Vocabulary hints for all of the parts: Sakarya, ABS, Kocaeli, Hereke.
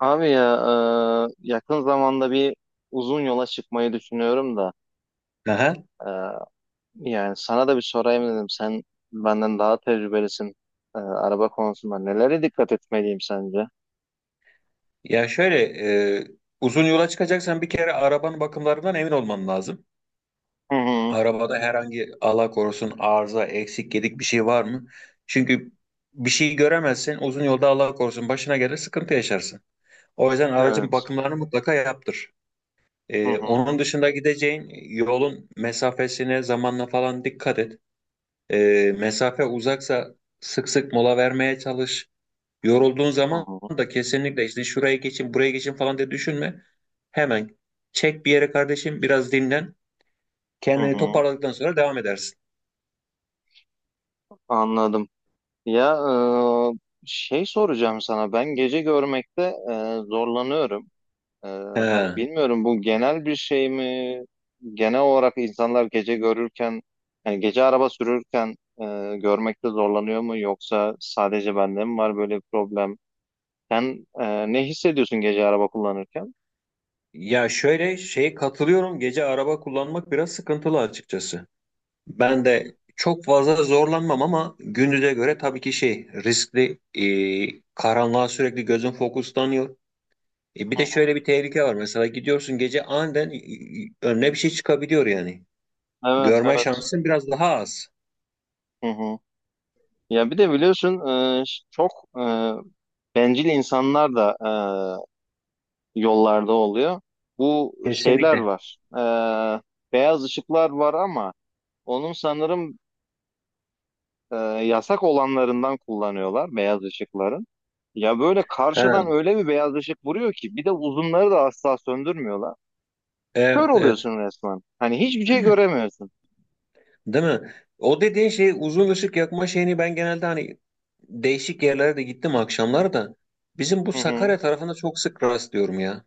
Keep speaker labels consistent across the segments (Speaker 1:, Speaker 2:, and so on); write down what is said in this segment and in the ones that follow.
Speaker 1: Abi ya yakın zamanda bir uzun yola çıkmayı düşünüyorum da
Speaker 2: Aha.
Speaker 1: e, yani sana da bir sorayım dedim. Sen benden daha tecrübelisin araba konusunda. Nelere dikkat etmeliyim sence?
Speaker 2: Ya şöyle e, uzun yola çıkacaksan bir kere arabanın bakımlarından emin olman lazım.
Speaker 1: Hı hı.
Speaker 2: Arabada herhangi Allah korusun arıza, eksik, gedik bir şey var mı? Çünkü bir şey göremezsen uzun yolda Allah korusun başına gelir sıkıntı yaşarsın. O yüzden aracın
Speaker 1: Evet.
Speaker 2: bakımlarını mutlaka yaptır.
Speaker 1: Hı hı.
Speaker 2: Onun dışında gideceğin yolun mesafesine, zamanla falan dikkat et. Mesafe uzaksa sık sık mola vermeye çalış. Yorulduğun
Speaker 1: Hı
Speaker 2: zaman
Speaker 1: hı.
Speaker 2: da kesinlikle işte şuraya geçin, buraya geçin falan diye düşünme. Hemen çek bir yere kardeşim, biraz dinlen.
Speaker 1: Hı
Speaker 2: Kendini
Speaker 1: hı.
Speaker 2: toparladıktan sonra devam edersin.
Speaker 1: Anladım. Ya şey soracağım sana. Ben gece görmekte zorlanıyorum. Ee, hani
Speaker 2: He.
Speaker 1: bilmiyorum bu genel bir şey mi? Genel olarak insanlar gece görürken, hani gece araba sürürken e, görmekte zorlanıyor mu? Yoksa sadece bende mi var böyle bir problem? Sen ne hissediyorsun gece araba kullanırken?
Speaker 2: Ya şöyle şeye katılıyorum. Gece araba kullanmak biraz sıkıntılı açıkçası. Ben de çok fazla zorlanmam ama gündüze göre tabii ki şey riskli. Karanlığa sürekli gözün fokuslanıyor. Bir
Speaker 1: Hı
Speaker 2: de
Speaker 1: hı.
Speaker 2: şöyle bir tehlike var. Mesela gidiyorsun gece aniden önüne bir şey çıkabiliyor yani.
Speaker 1: Evet,
Speaker 2: Görme
Speaker 1: evet.
Speaker 2: şansın biraz daha az.
Speaker 1: Hı hı. Ya bir de biliyorsun çok e, bencil insanlar da yollarda oluyor. Bu şeyler
Speaker 2: Kesinlikle.
Speaker 1: var. E, beyaz ışıklar var ama onun sanırım e, yasak olanlarından kullanıyorlar beyaz ışıkların. Ya böyle
Speaker 2: Ha,
Speaker 1: karşıdan öyle bir beyaz ışık vuruyor ki bir de uzunları da asla söndürmüyorlar. Kör
Speaker 2: evet evet.
Speaker 1: oluyorsun resmen. Hani hiçbir şey göremiyorsun.
Speaker 2: Değil mi? O dediğin şey uzun ışık yakma şeyini ben genelde hani değişik yerlere de gittim akşamlar da bizim bu
Speaker 1: Hı hı.
Speaker 2: Sakarya tarafında çok sık rastlıyorum ya.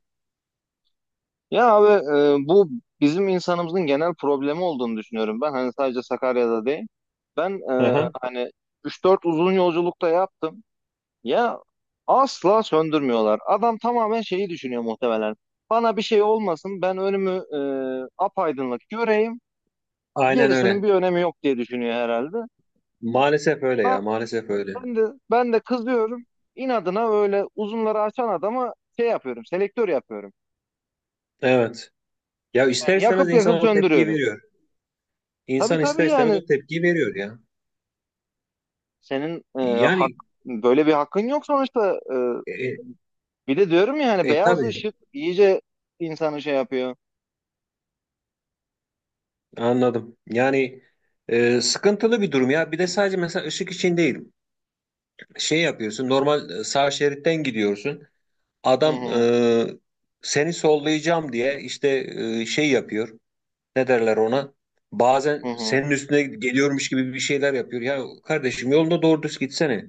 Speaker 1: Ya abi, bu bizim insanımızın genel problemi olduğunu düşünüyorum ben. Hani sadece Sakarya'da değil. Ben
Speaker 2: Hı hı.
Speaker 1: hani üç dört uzun yolculukta yaptım. Ya asla söndürmüyorlar. Adam tamamen şeyi düşünüyor muhtemelen. Bana bir şey olmasın, ben önümü apaydınlık göreyim.
Speaker 2: Aynen
Speaker 1: Gerisinin
Speaker 2: öyle.
Speaker 1: bir önemi yok diye düşünüyor herhalde.
Speaker 2: Maalesef öyle
Speaker 1: Ha,
Speaker 2: ya, maalesef öyle.
Speaker 1: ben de ben de kızıyorum. İnadına öyle uzunları açan adama şey yapıyorum, selektör yapıyorum.
Speaker 2: Evet. Ya ister
Speaker 1: Yani
Speaker 2: istemez
Speaker 1: yakıp yakıp
Speaker 2: insan o tepkiyi
Speaker 1: söndürüyorum.
Speaker 2: veriyor.
Speaker 1: Tabii
Speaker 2: İnsan
Speaker 1: tabii,
Speaker 2: ister istemez
Speaker 1: yani
Speaker 2: o tepkiyi veriyor ya.
Speaker 1: senin e, hak
Speaker 2: Yani
Speaker 1: böyle bir hakkın yok sonuçta.
Speaker 2: e,
Speaker 1: Bir de diyorum ya hani beyaz
Speaker 2: tabii
Speaker 1: ışık iyice insanı şey yapıyor.
Speaker 2: anladım. Yani sıkıntılı bir durum ya. Bir de sadece mesela ışık için değil. Şey yapıyorsun normal sağ şeritten gidiyorsun
Speaker 1: Hı
Speaker 2: adam
Speaker 1: hı,
Speaker 2: e, seni sollayacağım diye işte şey yapıyor, ne derler ona, bazen
Speaker 1: hı hı.
Speaker 2: senin üstüne geliyormuş gibi bir şeyler yapıyor ya kardeşim yolunda doğru düz gitsene.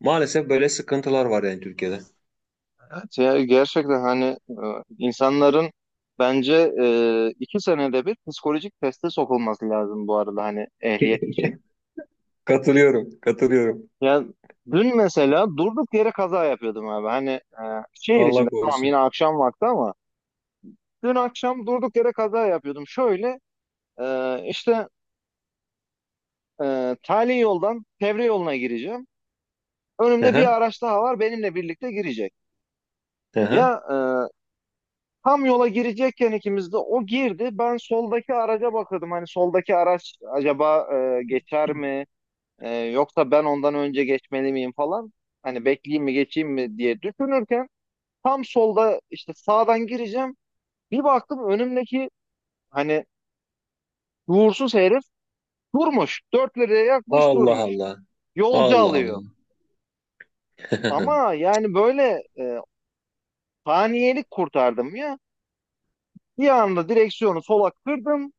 Speaker 2: Maalesef böyle sıkıntılar var yani Türkiye'de.
Speaker 1: Evet ya, gerçekten hani insanların bence iki senede bir psikolojik teste sokulması lazım bu arada, hani ehliyet için.
Speaker 2: Katılıyorum, katılıyorum.
Speaker 1: Ya dün mesela durduk yere kaza yapıyordum abi. Hani şehir içinde
Speaker 2: Allah
Speaker 1: tamam,
Speaker 2: korusun.
Speaker 1: yine akşam vakti, ama dün akşam durduk yere kaza yapıyordum. Şöyle e, işte tali yoldan çevre yoluna gireceğim. Önümde bir
Speaker 2: Aha,
Speaker 1: araç daha var, benimle birlikte girecek.
Speaker 2: aha.
Speaker 1: Ya tam yola girecekken ikimiz de, o girdi. Ben soldaki araca bakıyordum. Hani soldaki araç acaba geçer mi? Yoksa ben ondan önce geçmeli miyim falan. Hani bekleyeyim mi geçeyim mi diye düşünürken tam solda işte sağdan gireceğim. Bir baktım önümdeki, hani, uğursuz herif durmuş. Dört liraya yakmış
Speaker 2: Allah
Speaker 1: durmuş.
Speaker 2: Allah.
Speaker 1: Yolcu alıyor.
Speaker 2: Allah Allah.
Speaker 1: Ama yani böyle saniyelik kurtardım ya. Bir anda direksiyonu sola kırdım.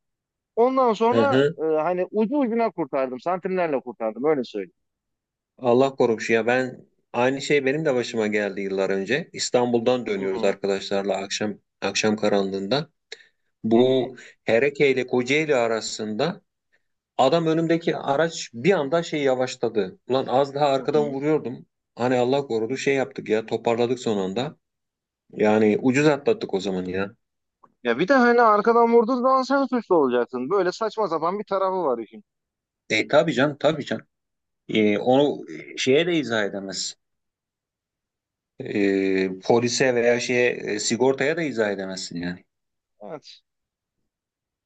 Speaker 1: Ondan sonra hani ucu ucuna kurtardım. Santimlerle kurtardım, öyle söyleyeyim.
Speaker 2: Allah korumuş ya. Ben aynı şey benim de başıma geldi yıllar önce. İstanbul'dan
Speaker 1: Hı
Speaker 2: dönüyoruz
Speaker 1: hı,
Speaker 2: arkadaşlarla akşam akşam karanlığında.
Speaker 1: hı hı,
Speaker 2: Bu Hereke ile Kocaeli arasında adam önümdeki araç bir anda şey yavaşladı. Ulan az daha
Speaker 1: hı
Speaker 2: arkadan
Speaker 1: hı.
Speaker 2: vuruyordum. Hani Allah korudu şey yaptık ya, toparladık son anda. Yani ucuz atlattık o zaman ya.
Speaker 1: Ya bir de hani arkadan vurduğun zaman sen suçlu olacaksın. Böyle saçma sapan bir tarafı var işin.
Speaker 2: E tabii canım, tabii canım. Onu şeye de izah edemezsin. Polise veya şeye sigortaya da izah edemezsin yani.
Speaker 1: Evet.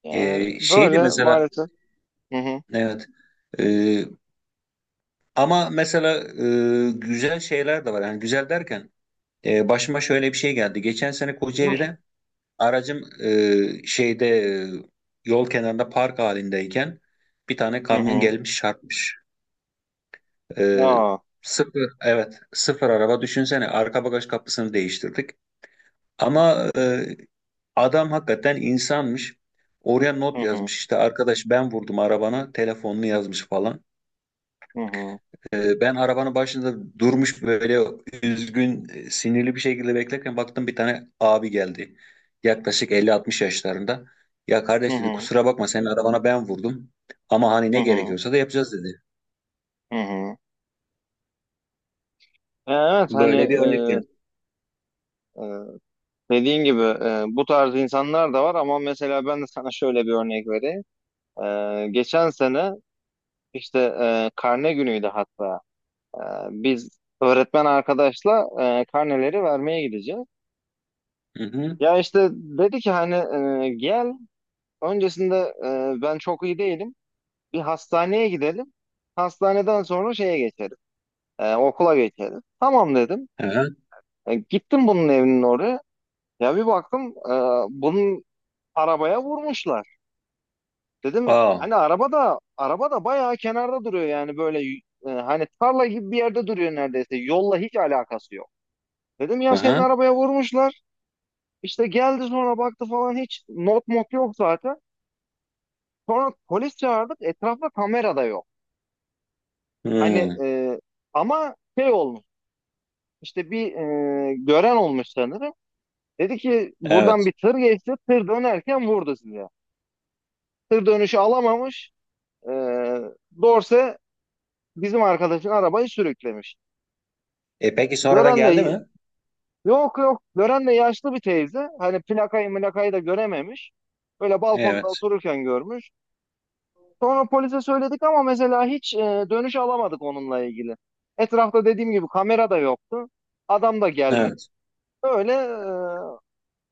Speaker 1: Yani
Speaker 2: Şeydi
Speaker 1: böyle
Speaker 2: mesela.
Speaker 1: maalesef. Hı hı.
Speaker 2: Evet. Ee, Ama mesela güzel şeyler de var. Yani güzel derken başıma şöyle bir şey geldi. Geçen sene Kocaeli'de aracım şeyde e, yol kenarında park halindeyken bir tane
Speaker 1: Hı
Speaker 2: kamyon
Speaker 1: hı.
Speaker 2: gelmiş çarpmış. E,
Speaker 1: Aa,
Speaker 2: Sıfır, evet, sıfır araba, düşünsene arka bagaj kapısını değiştirdik. Ama adam hakikaten insanmış. Oraya
Speaker 1: hı
Speaker 2: not
Speaker 1: hı,
Speaker 2: yazmış, işte arkadaş ben vurdum arabana telefonunu yazmış falan.
Speaker 1: hı hı,
Speaker 2: Ben arabanın başında durmuş böyle üzgün, sinirli bir şekilde beklerken baktım bir tane abi geldi. Yaklaşık elli 60 yaşlarında. Ya
Speaker 1: hı
Speaker 2: kardeş dedi,
Speaker 1: hı,
Speaker 2: kusura bakma senin arabana ben vurdum. Ama hani
Speaker 1: hı
Speaker 2: ne
Speaker 1: hı,
Speaker 2: gerekiyorsa da yapacağız dedi.
Speaker 1: hı hı. Ya evet, hani
Speaker 2: Böyle bir örnek yani.
Speaker 1: e, e, dediğin gibi, bu tarz insanlar da var ama mesela ben de sana şöyle bir örnek vereyim. Geçen sene işte karne günüydü hatta. E, biz öğretmen arkadaşla karneleri vermeye gideceğiz.
Speaker 2: Hı hı.
Speaker 1: Ya işte dedi ki hani gel öncesinde, ben çok iyi değilim. Bir hastaneye gidelim. Hastaneden sonra şeye geçelim. Okula geçelim. Tamam dedim.
Speaker 2: Hı hı.
Speaker 1: Gittim bunun evinin oraya. Ya bir baktım bunun arabaya vurmuşlar. Dedim
Speaker 2: Aa.
Speaker 1: hani araba da bayağı kenarda duruyor yani böyle, hani tarla gibi bir yerde duruyor neredeyse. Yolla hiç alakası yok. Dedim ya
Speaker 2: Hı
Speaker 1: senin
Speaker 2: hı.
Speaker 1: arabaya vurmuşlar. İşte geldi sonra baktı falan, hiç not mot yok zaten. Sonra polis çağırdık, etrafta kamera da yok. Hani
Speaker 2: Hı.
Speaker 1: ama şey olmuş, işte bir gören olmuş sanırım. Dedi ki buradan
Speaker 2: Evet.
Speaker 1: bir tır geçti, tır dönerken vurdu sizi. Tır dönüşü alamamış. E, Dorse bizim arkadaşın arabayı sürüklemiş.
Speaker 2: E peki sonradan
Speaker 1: Gören
Speaker 2: geldi mi?
Speaker 1: de yok, gören de yaşlı bir teyze. Hani plakayı mülakayı da görememiş. Böyle balkonda
Speaker 2: Evet.
Speaker 1: otururken görmüş. Sonra polise söyledik ama mesela hiç dönüş alamadık onunla ilgili. Etrafta dediğim gibi kamera da yoktu. Adam da gelmedi.
Speaker 2: Evet.
Speaker 1: Öyle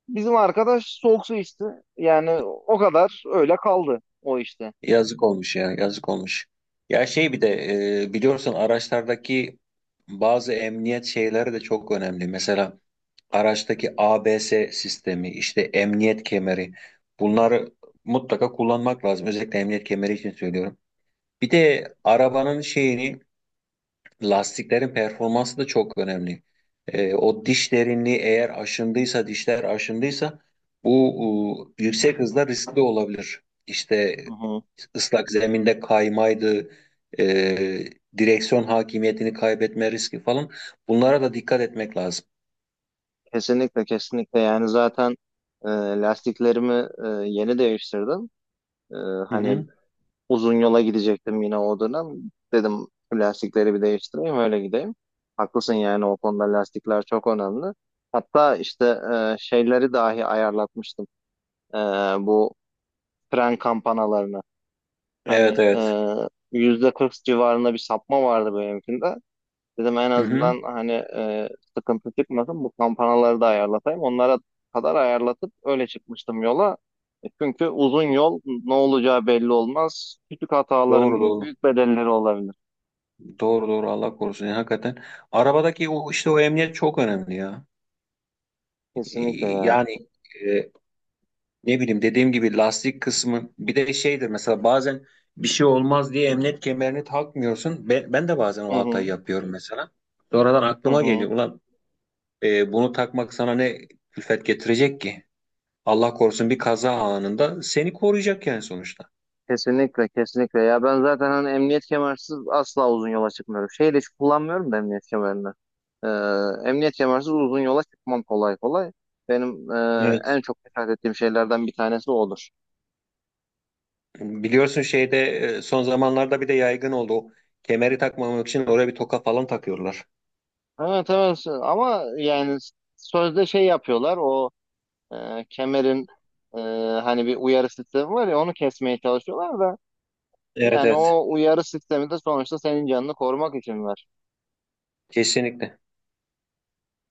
Speaker 1: bizim arkadaş soğuk su içti. Yani o kadar öyle kaldı o işte.
Speaker 2: Yazık olmuş ya. Yazık olmuş. Ya şey bir de biliyorsun araçlardaki bazı emniyet şeyleri de çok önemli. Mesela araçtaki ABS sistemi, işte emniyet kemeri, bunları mutlaka kullanmak lazım. Özellikle emniyet kemeri için söylüyorum. Bir de arabanın şeyini, lastiklerin performansı da çok önemli. O diş derinliği eğer aşındıysa, dişler aşındıysa bu yüksek hızda riskli olabilir. İşte
Speaker 1: Hı hı.
Speaker 2: ıslak zeminde kaymaydı, e, direksiyon hakimiyetini kaybetme riski falan. Bunlara da dikkat etmek lazım.
Speaker 1: Kesinlikle kesinlikle, yani zaten e, lastiklerimi yeni değiştirdim. E,
Speaker 2: Hı
Speaker 1: hani
Speaker 2: hı.
Speaker 1: uzun yola gidecektim yine o dönem. Dedim, "Bu lastikleri bir değiştireyim öyle gideyim. Haklısın yani o konuda, lastikler çok önemli. Hatta işte şeyleri dahi ayarlatmıştım. E, bu fren kampanalarını. Hani
Speaker 2: Evet evet.
Speaker 1: %40 civarında bir sapma vardı benimkinde. Dedim en
Speaker 2: Hı hı.
Speaker 1: azından hani sıkıntı çıkmasın, bu kampanaları da ayarlatayım. Onlara kadar ayarlatıp öyle çıkmıştım yola. Çünkü uzun yol, ne olacağı belli olmaz. Küçük hataların
Speaker 2: Doğru
Speaker 1: bile
Speaker 2: doğru.
Speaker 1: büyük bedelleri olabilir.
Speaker 2: Doğru doğru, Allah korusun. Yani hakikaten arabadaki o işte o emniyet çok önemli ya. Ee,
Speaker 1: Kesinlikle ya.
Speaker 2: Yani e, ne bileyim dediğim gibi lastik kısmı bir de şeydir, mesela bazen bir şey olmaz diye emniyet kemerini takmıyorsun. Ben de bazen
Speaker 1: Hı
Speaker 2: o hatayı
Speaker 1: hı.
Speaker 2: yapıyorum mesela. Sonradan
Speaker 1: Hı
Speaker 2: aklıma
Speaker 1: hı.
Speaker 2: geliyor. Ulan bunu takmak sana ne külfet getirecek ki? Allah korusun bir kaza anında seni koruyacak yani sonuçta.
Speaker 1: Kesinlikle kesinlikle ya, ben zaten hani emniyet kemersiz asla uzun yola çıkmıyorum. Şeyi de hiç kullanmıyorum da, emniyet kemerini. Ee, emniyet kemersiz uzun yola çıkmam kolay kolay. Benim
Speaker 2: Evet.
Speaker 1: en çok dikkat ettiğim şeylerden bir tanesi odur.
Speaker 2: Biliyorsun şeyde son zamanlarda bir de yaygın oldu. O kemeri takmamak için oraya bir toka falan takıyorlar.
Speaker 1: Evet evet, ama yani sözde şey yapıyorlar, o kemerin e, hani bir uyarı sistemi var ya, onu kesmeye çalışıyorlar da,
Speaker 2: Evet
Speaker 1: yani
Speaker 2: evet.
Speaker 1: o uyarı sistemi de sonuçta senin canını korumak için var.
Speaker 2: Kesinlikle.